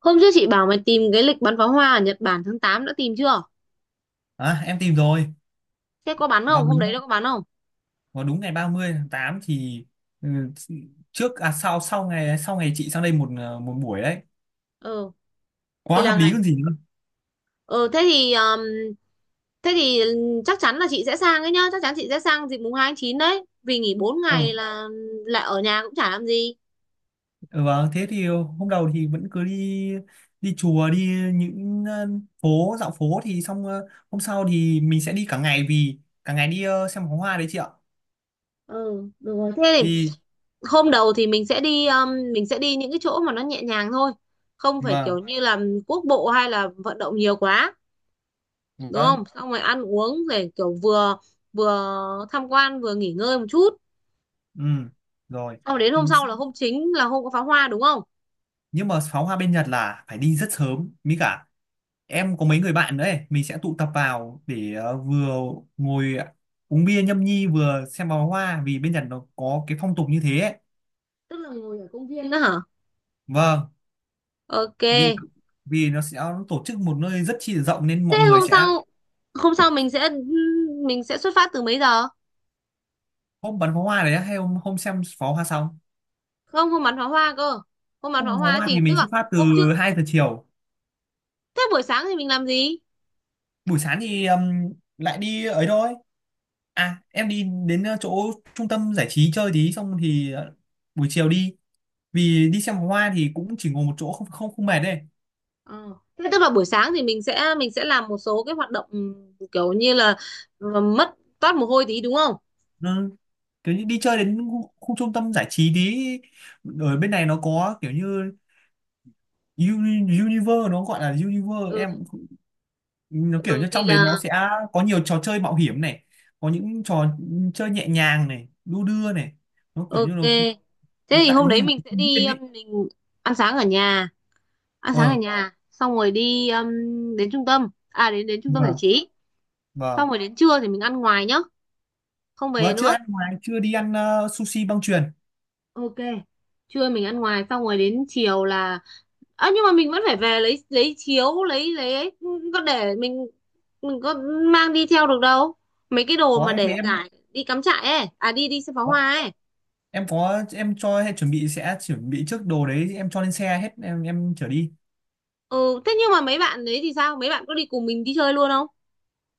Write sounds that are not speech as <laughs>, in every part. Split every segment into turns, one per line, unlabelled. Hôm trước chị bảo mày tìm cái lịch bắn pháo hoa ở Nhật Bản tháng 8 đã tìm chưa?
À, em tìm rồi.
Thế có bắn
vào
không? Hôm đấy
đúng
nó có bắn không?
vào đúng ngày 30 tháng 8 thì, ừ, trước à sau, sau ngày chị sang đây một buổi đấy.
Ừ, thì
Quá
là
hợp lý
ngày.
còn gì nữa.
Ừ, thế thì chắc chắn là chị sẽ sang ấy nhá, chắc chắn chị sẽ sang dịp mùng hai tháng 9 đấy, vì nghỉ 4 ngày
Ừ.
là lại ở nhà cũng chả làm gì.
Ừ, vâng, thế thì hôm đầu thì vẫn cứ đi, đi chùa, những ờ, dạo phố thì xong. Ờ, Hôm sau thì mình sẽ đi cả ngày, vì cả ngày đi xem pháo hoa đấy chị ạ.
Ừ, được rồi. Thế thì
Đi.
hôm đầu thì mình sẽ đi những cái chỗ mà nó nhẹ nhàng thôi, không phải
Vâng.
kiểu như là quốc bộ hay là vận động nhiều quá, đúng
Vâng.
không? Xong rồi ăn uống để kiểu vừa vừa tham quan vừa nghỉ ngơi một chút.
Ừ. Rồi.
Sau đến
Ừ,
hôm sau là
xong.
hôm chính là hôm có pháo hoa đúng không?
Nhưng mà pháo hoa bên Nhật là phải đi rất sớm, mới cả em có mấy người bạn nữa ấy, mình sẽ tụ tập vào để vừa ngồi uống bia nhâm nhi, vừa xem pháo hoa, vì bên Nhật nó có cái phong tục như thế ấy.
Tức là ngồi ở công viên đó hả?
Vâng,
Ok.
vì vì nó sẽ tổ chức một nơi rất chi là rộng nên
Thế
mọi người
hôm
sẽ...
sau hôm sau mình sẽ xuất phát từ mấy giờ?
Hôm bắn pháo hoa đấy hay hôm hôm xem pháo hoa xong?
Không, không bắn pháo hoa cơ. Không bắn pháo
Hôm pháo
hoa
hoa
thì
thì
tức
mình
là
xuất phát từ
hôm trước.
2 giờ chiều.
Thế buổi sáng thì mình làm gì?
Buổi sáng thì lại đi ấy thôi. À, em đi đến chỗ trung tâm giải trí chơi tí, xong thì buổi chiều đi, vì đi xem pháo hoa thì cũng chỉ ngồi một chỗ, không không không mệt đấy.
Ờ. Thế tức là buổi sáng thì mình sẽ làm một số cái hoạt động kiểu như là mất toát mồ hôi tí đúng không?
Ừ, kiểu như đi chơi đến khu trung tâm giải trí tí, ở bên này nó có kiểu như Univer, nó gọi là Univer,
Ừ,
em cũng không... Nó kiểu
ừ
như
thì
trong đấy nó
là
sẽ có nhiều trò chơi mạo hiểm này, có những trò chơi nhẹ nhàng này, đu đưa này, nó kiểu như
ok.
nó
Thế
nó
thì
tạo
hôm
như
đấy
một
mình
cái
sẽ
công viên
đi
ấy.
mình ăn sáng ở nhà. Ăn sáng ở
ờ
nhà xong rồi đi đến trung tâm à đến đến trung tâm giải
vâng.
trí
Vâng.
xong rồi đến trưa thì mình ăn ngoài nhá, không về
Vâng, chưa
nữa.
ăn ngoài, chưa đi ăn sushi băng chuyền.
Ok, trưa mình ăn ngoài xong rồi đến chiều là à, nhưng mà mình vẫn phải về lấy chiếu lấy ấy. Có để mình có mang đi theo được đâu mấy cái đồ
Có
mà
ấy, thế
để
em
giải đi cắm trại ấy à đi đi xem pháo hoa ấy.
em có, em cho hay chuẩn bị, sẽ chuẩn bị trước đồ đấy, em cho lên xe hết, em chở đi.
Ừ thế nhưng mà mấy bạn đấy thì sao, mấy bạn có đi cùng mình đi chơi luôn không?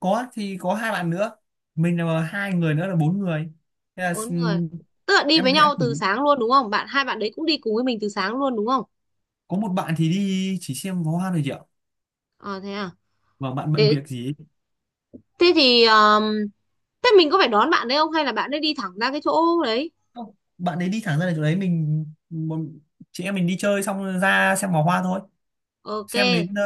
Có thì có hai bạn nữa, mình là hai người nữa là bốn người. Thế là
Bốn người,
s-
tức là đi
em
với
sẽ
nhau từ
thử-
sáng luôn đúng không, bạn hai bạn đấy cũng đi cùng với mình từ sáng luôn đúng không?
có một bạn thì đi chỉ xem pháo hoa thôi chị ạ,
Ờ thế à.
và bạn bận
Thế,
việc gì ấy.
thế thì thế mình có phải đón bạn đấy không hay là bạn ấy đi thẳng ra cái chỗ đấy?
Không, bạn ấy đi thẳng ra là chỗ đấy, chị em mình đi chơi xong ra xem pháo hoa thôi.
Ok.
Xem đến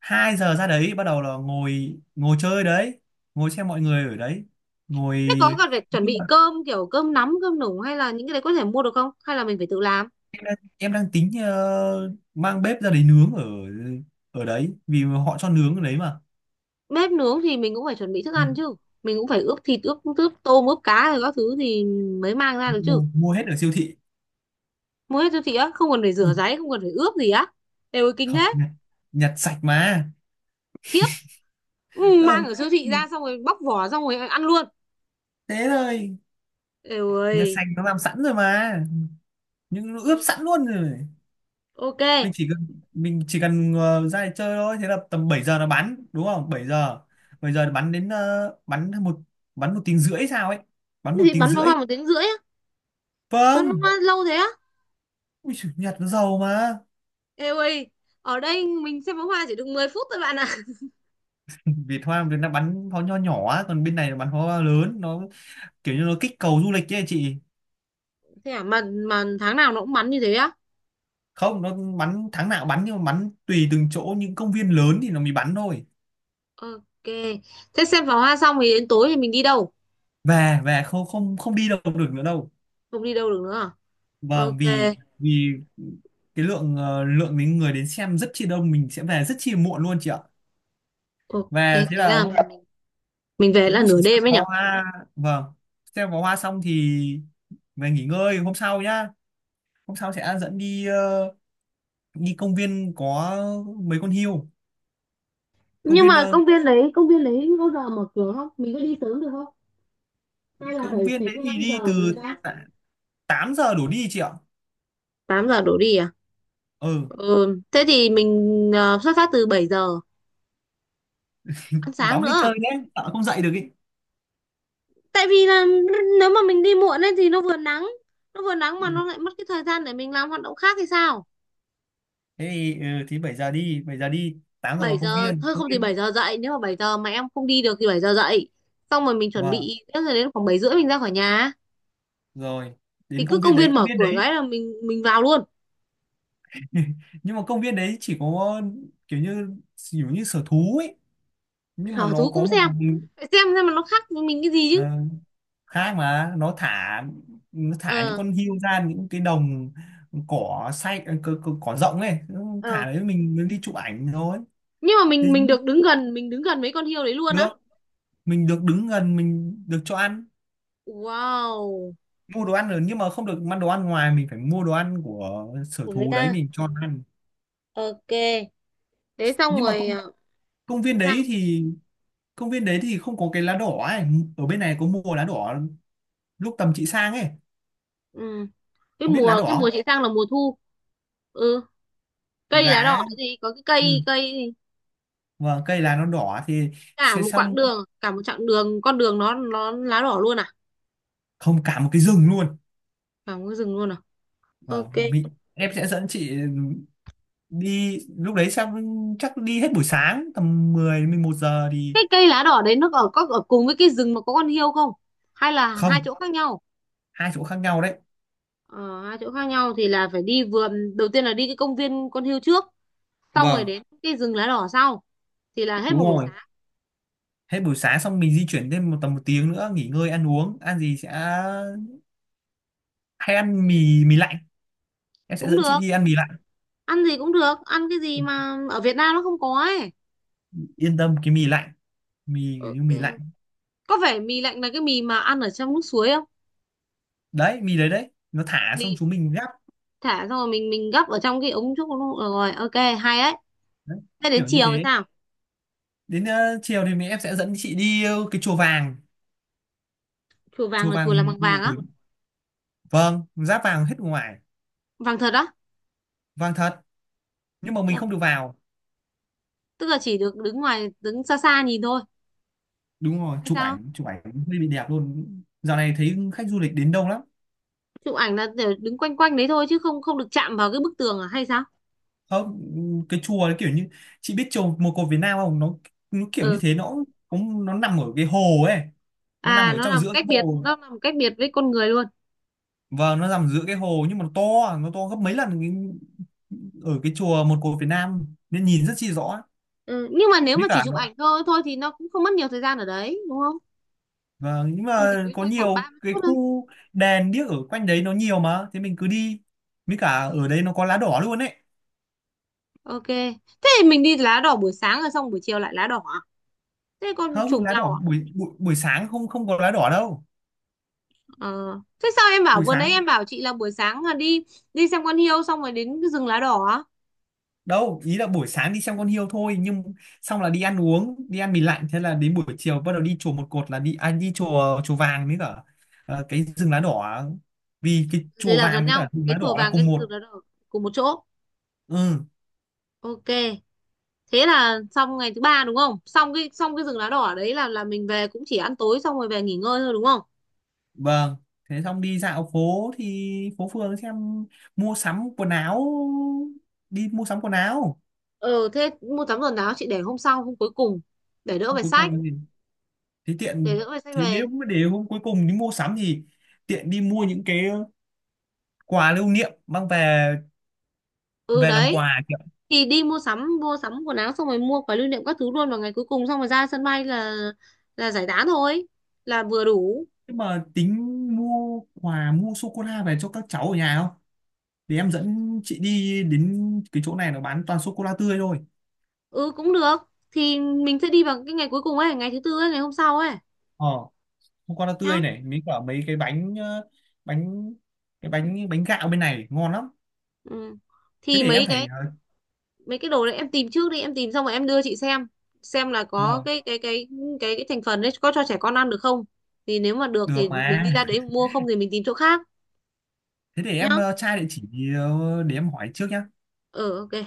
2 giờ ra đấy, bắt đầu là ngồi ngồi chơi đấy, ngồi xem mọi người ở đấy, ngồi.
Thế có cần phải chuẩn
Nhưng
bị
mà
cơm kiểu cơm nắm, cơm nủ hay là những cái đấy có thể mua được không? Hay là mình phải tự làm?
em đang tính mang bếp ra đấy nướng ở ở đấy, vì họ cho nướng ở đấy mà.
Bếp nướng thì mình cũng phải chuẩn bị thức
Ừ.
ăn chứ. Mình cũng phải ướp thịt, ướp ướp tôm, ướp cá rồi các thứ thì mới mang ra được chứ.
Mua hết ở siêu thị.
Mua hết siêu thị á, không cần phải
Ừ,
rửa ráy, không cần phải ướp gì á. Đều ơi, kinh
không,
thế.
nhặt sạch mà.
Khiếp. Ừ, mang
Ờ,
ở siêu
Khiếp,
thị ra xong rồi bóc vỏ xong rồi ăn luôn.
thế thôi.
Đều
Nhặt
ơi.
sạch, nó làm sẵn rồi mà, nhưng nó
Ừ,
ướp sẵn luôn rồi.
ok.
mình
Thế
chỉ cần mình chỉ cần ra để chơi thôi, thế là tầm 7 giờ nó bắn, đúng không? Bảy giờ nó bắn đến bắn một tiếng rưỡi sao ấy, bắn một
thì
tiếng
bắn pháo
rưỡi
hoa 1 tiếng rưỡi á. Bắn
Vâng.
pháo hoa lâu thế á?
Ui giời, nhặt nó giàu mà.
Ê ơi, ở đây mình xem pháo hoa chỉ được 10 phút thôi bạn ạ.
Việt Hoa bên nó bắn pháo nho nhỏ á, còn bên này nó bắn pháo hoa lớn, nó kiểu như nó kích cầu du lịch ấy chị.
Thế à, mà tháng nào nó cũng bắn như thế á?
Không, nó bắn tháng nào bắn, nhưng mà bắn tùy từng chỗ, những công viên lớn thì nó mới bắn thôi.
Ok, thế xem pháo hoa xong thì đến tối thì mình đi đâu?
Về về, không không không đi đâu được nữa đâu.
Không đi đâu được nữa à?
Vâng,
Ok,
vì vì cái lượng đến người đến xem rất chi đông, mình sẽ về rất chi muộn luôn chị ạ.
ok,
Về,
thế
thế là
là
hôm...
mình về
Cũng
là nửa
chỉ xem
đêm ấy nhở?
pháo hoa. Vâng. Xem pháo hoa xong thì về nghỉ ngơi, hôm sau nhá. Hôm sau sẽ dẫn đi đi công viên có mấy con hươu. công
Nhưng
viên
mà
ờ,
công viên đấy có giờ mở cửa không? Mình có đi sớm được không? Hay là
công
phải
viên
phải
đấy
theo
thì
cái
đi
giờ
từ
của người ta?
tạ- 8 giờ đổ đi chị ạ.
8 giờ đổ đi à?
Ừ.
Ừ, thế thì mình xuất phát từ 7 giờ, ăn sáng
Cõng đi
nữa.
chơi nhé, sợ không dậy được ý.
Tại vì là nếu mà mình đi muộn ấy thì nó vừa nắng, nó vừa nắng mà nó
Ừ.
lại mất cái thời gian để mình làm hoạt động khác thì sao.
Thế thì 7 giờ đi, 7 giờ đi 8 giờ
Bảy
vào công
giờ
viên
thôi,
công
không thì 7
viên
giờ dậy, nếu mà 7 giờ mà em không đi được thì 7 giờ dậy xong rồi mình chuẩn
Vâng.
bị, thế rồi đến khoảng 7 rưỡi mình ra khỏi nhà,
Rồi.
thì
Đến
cứ
công viên
công
đấy
viên
công
mở
viên
cửa
đấy
cái là mình vào luôn.
<laughs> Nhưng mà công viên đấy chỉ có kiểu như kiểu như sở thú ấy, nhưng mà
Sở
nó
thú
có
cũng
một...
xem, phải xem mà nó khác với mình cái gì
ờ,
chứ.
Khác, mà nó thả những
Ờ,
con hươu ra những cái đồng cỏ xay, cỏ rộng ấy. Nó
ờ,
thả đấy, mình đi chụp ảnh rồi.
nhưng mà
Thế
mình được đứng gần, mình đứng gần mấy con hươu đấy luôn á?
được, mình được đứng gần, mình được cho ăn.
Wow,
Mua đồ ăn rồi, nhưng mà không được ăn đồ ăn ngoài, mình phải mua đồ ăn của sở
của người
thú đấy
ta.
mình cho nó ăn.
Ok, thế xong
Nhưng mà
rồi
công, công viên
sao?
đấy thì công viên đấy thì không có cái lá đỏ ấy. Ở bên này có mua lá đỏ lúc tầm chị sang ấy.
Ừ, cái
Có biết lá
mùa cái
đỏ
mùa
không?
chị sang là mùa thu. Ừ, cây lá đỏ
Lá.
cái gì, có cái cây
Ừ.
cây
Và cây lá nó đỏ thì
cả
sẽ
một quãng
xong...
đường, cả một chặng đường con đường nó lá đỏ luôn à?
Không, cả một cái rừng luôn.
Cả một cái rừng luôn à?
Vâng,
Ok.
em sẽ dẫn chị đi lúc đấy, xong chắc đi hết buổi sáng, tầm 10, 11 giờ thì...
Cái cây lá đỏ đấy nó ở có ở cùng với cái rừng mà có con hiêu không, hay là hai
Không,
chỗ khác nhau?
hai chỗ khác nhau đấy.
Ờ, Hai chỗ khác nhau thì là phải đi vườn, đầu tiên là đi cái công viên con hươu trước, xong rồi
Vâng.
đến cái rừng lá đỏ sau, thì là hết
Đúng
một buổi
rồi.
sáng.
Hết buổi sáng xong mình di chuyển thêm tầm 1 tiếng nữa, nghỉ ngơi ăn uống, ăn gì sẽ... Hay ăn mì mì lạnh, em sẽ
Cũng
dẫn chị
được,
đi ăn mì lạnh.
ăn gì cũng được, ăn cái gì mà ở Việt Nam nó không có ấy.
Yên tâm, cái mì lạnh, mì kiểu như
Ok.
mì lạnh
Có phải mì lạnh là cái mì mà ăn ở trong nước suối không?
đấy, mì đấy đấy nó thả xong
Mì
chúng mình gắp.
thả xong rồi mình gấp ở trong cái ống trúc luôn. Ờ, rồi ok, hay đấy.
Đấy,
Thế đến
kiểu như
chiều thì
thế.
sao?
Đến chiều thì em sẽ dẫn chị đi cái chùa vàng.
Chùa vàng
Chùa
là chùa làm
vàng
bằng vàng á?
nổi. Vâng, giáp vàng hết ngoài.
Vàng thật á?
Vàng thật. Nhưng mà mình
Dạ.
không được vào.
Tức là chỉ được đứng ngoài, đứng xa xa nhìn thôi
Đúng rồi,
hay
chụp
sao?
ảnh chụp ảnh hơi bị đẹp luôn. Dạo này thấy khách du lịch đến đông lắm.
Chụp ảnh là để đứng quanh quanh đấy thôi chứ không, không được chạm vào cái bức tường à hay sao?
Không, cái chùa đấy kiểu như, chị biết chùa Một Cột Việt Nam không? Nó kiểu
Ừ,
như thế, nó cũng nằm ở cái hồ ấy. Nó nằm
à,
ở
nó
trong
làm
giữa
cách
cái
biệt,
hồ.
nó làm cách biệt với con người luôn.
Và nó nằm giữa cái hồ, nhưng mà nó to gấp mấy lần ở cái chùa Một Cột Việt Nam nên nhìn rất chi rõ.
Ừ. Nhưng mà nếu
Với
mà chỉ
cả,
chụp ảnh thôi thôi thì nó cũng không mất nhiều thời gian ở đấy đúng không,
và, nhưng
mình chỉ
mà,
quanh
có
quanh khoảng ba
nhiều
mươi
cái
phút
khu đèn điếc ở quanh đấy nó nhiều mà, thế mình cứ đi, với cả ở đấy nó có lá đỏ luôn ấy.
Ok. Thế thì mình đi lá đỏ buổi sáng rồi xong buổi chiều lại lá đỏ à? Thế con
Không,
trùng
lá
nhau
đỏ
à?
buổi buổi, buổi sáng không không có lá đỏ đâu.
Ờ. Thế sao em bảo,
Buổi
vừa nãy
sáng.
em bảo chị là buổi sáng là đi, đi xem con hiêu xong rồi đến cái rừng lá đỏ á?
Đâu, ý là buổi sáng đi xem con hươu thôi, nhưng xong là đi ăn uống, đi ăn mì lạnh, thế là đến buổi chiều bắt đầu đi chùa một cột, là đi, à, đi chùa chùa vàng với cả cái rừng lá đỏ. Vì cái
Thế
chùa
là
vàng
gần
với cả
nhau,
rừng
cái
lá đỏ
chùa
là
vàng cái
cùng một...
rừng lá đỏ cùng một chỗ.
Ừ.
Ok. Thế là xong ngày thứ ba đúng không? Xong cái rừng lá đỏ đấy là mình về cũng chỉ ăn tối xong rồi về nghỉ ngơi thôi đúng không?
Vâng. Thế xong đi dạo phố thì phố phường xem, mua sắm quần áo, đi mua sắm quần áo.
Ờ thế mua sắm quần áo chị để hôm sau, hôm cuối cùng để đỡ
Hôm
phải
cuối
sách,
cùng thì,
để
tiện.
đỡ phải sách
Thế nếu
về.
mà để hôm cuối cùng đi mua sắm thì tiện đi mua những cái quà lưu niệm mang về.
Ừ
Về làm
đấy.
quà.
Thì đi mua sắm, mua sắm quần áo xong rồi mua quà lưu niệm các thứ luôn vào ngày cuối cùng, xong rồi ra sân bay là giải tán thôi, là vừa đủ.
Nhưng mà tính mua quà, mua sô cô la về cho các cháu ở nhà không? Thì em dẫn chị đi đến cái chỗ này, nó bán toàn sô cô la tươi thôi.
Ừ cũng được, thì mình sẽ đi vào cái ngày cuối cùng ấy, ngày thứ tư ấy, ngày hôm sau ấy
Ờ, sô cô la tươi
nhá.
này, mấy cả mấy cái bánh, bánh, cái bánh bánh gạo bên này ngon lắm.
Ừ.
Thế
Thì
để em
mấy cái
phải,
mấy cái đồ đấy em tìm trước đi, em tìm xong rồi em đưa chị xem là có
vâng,
cái thành phần đấy có cho trẻ con ăn được không, thì nếu mà được
được
thì mình
mà.
đi ra đấy mua, không thì mình tìm chỗ khác
Thế để em
nhá.
tra địa chỉ. Để em hỏi trước nhá.
Ừ ok.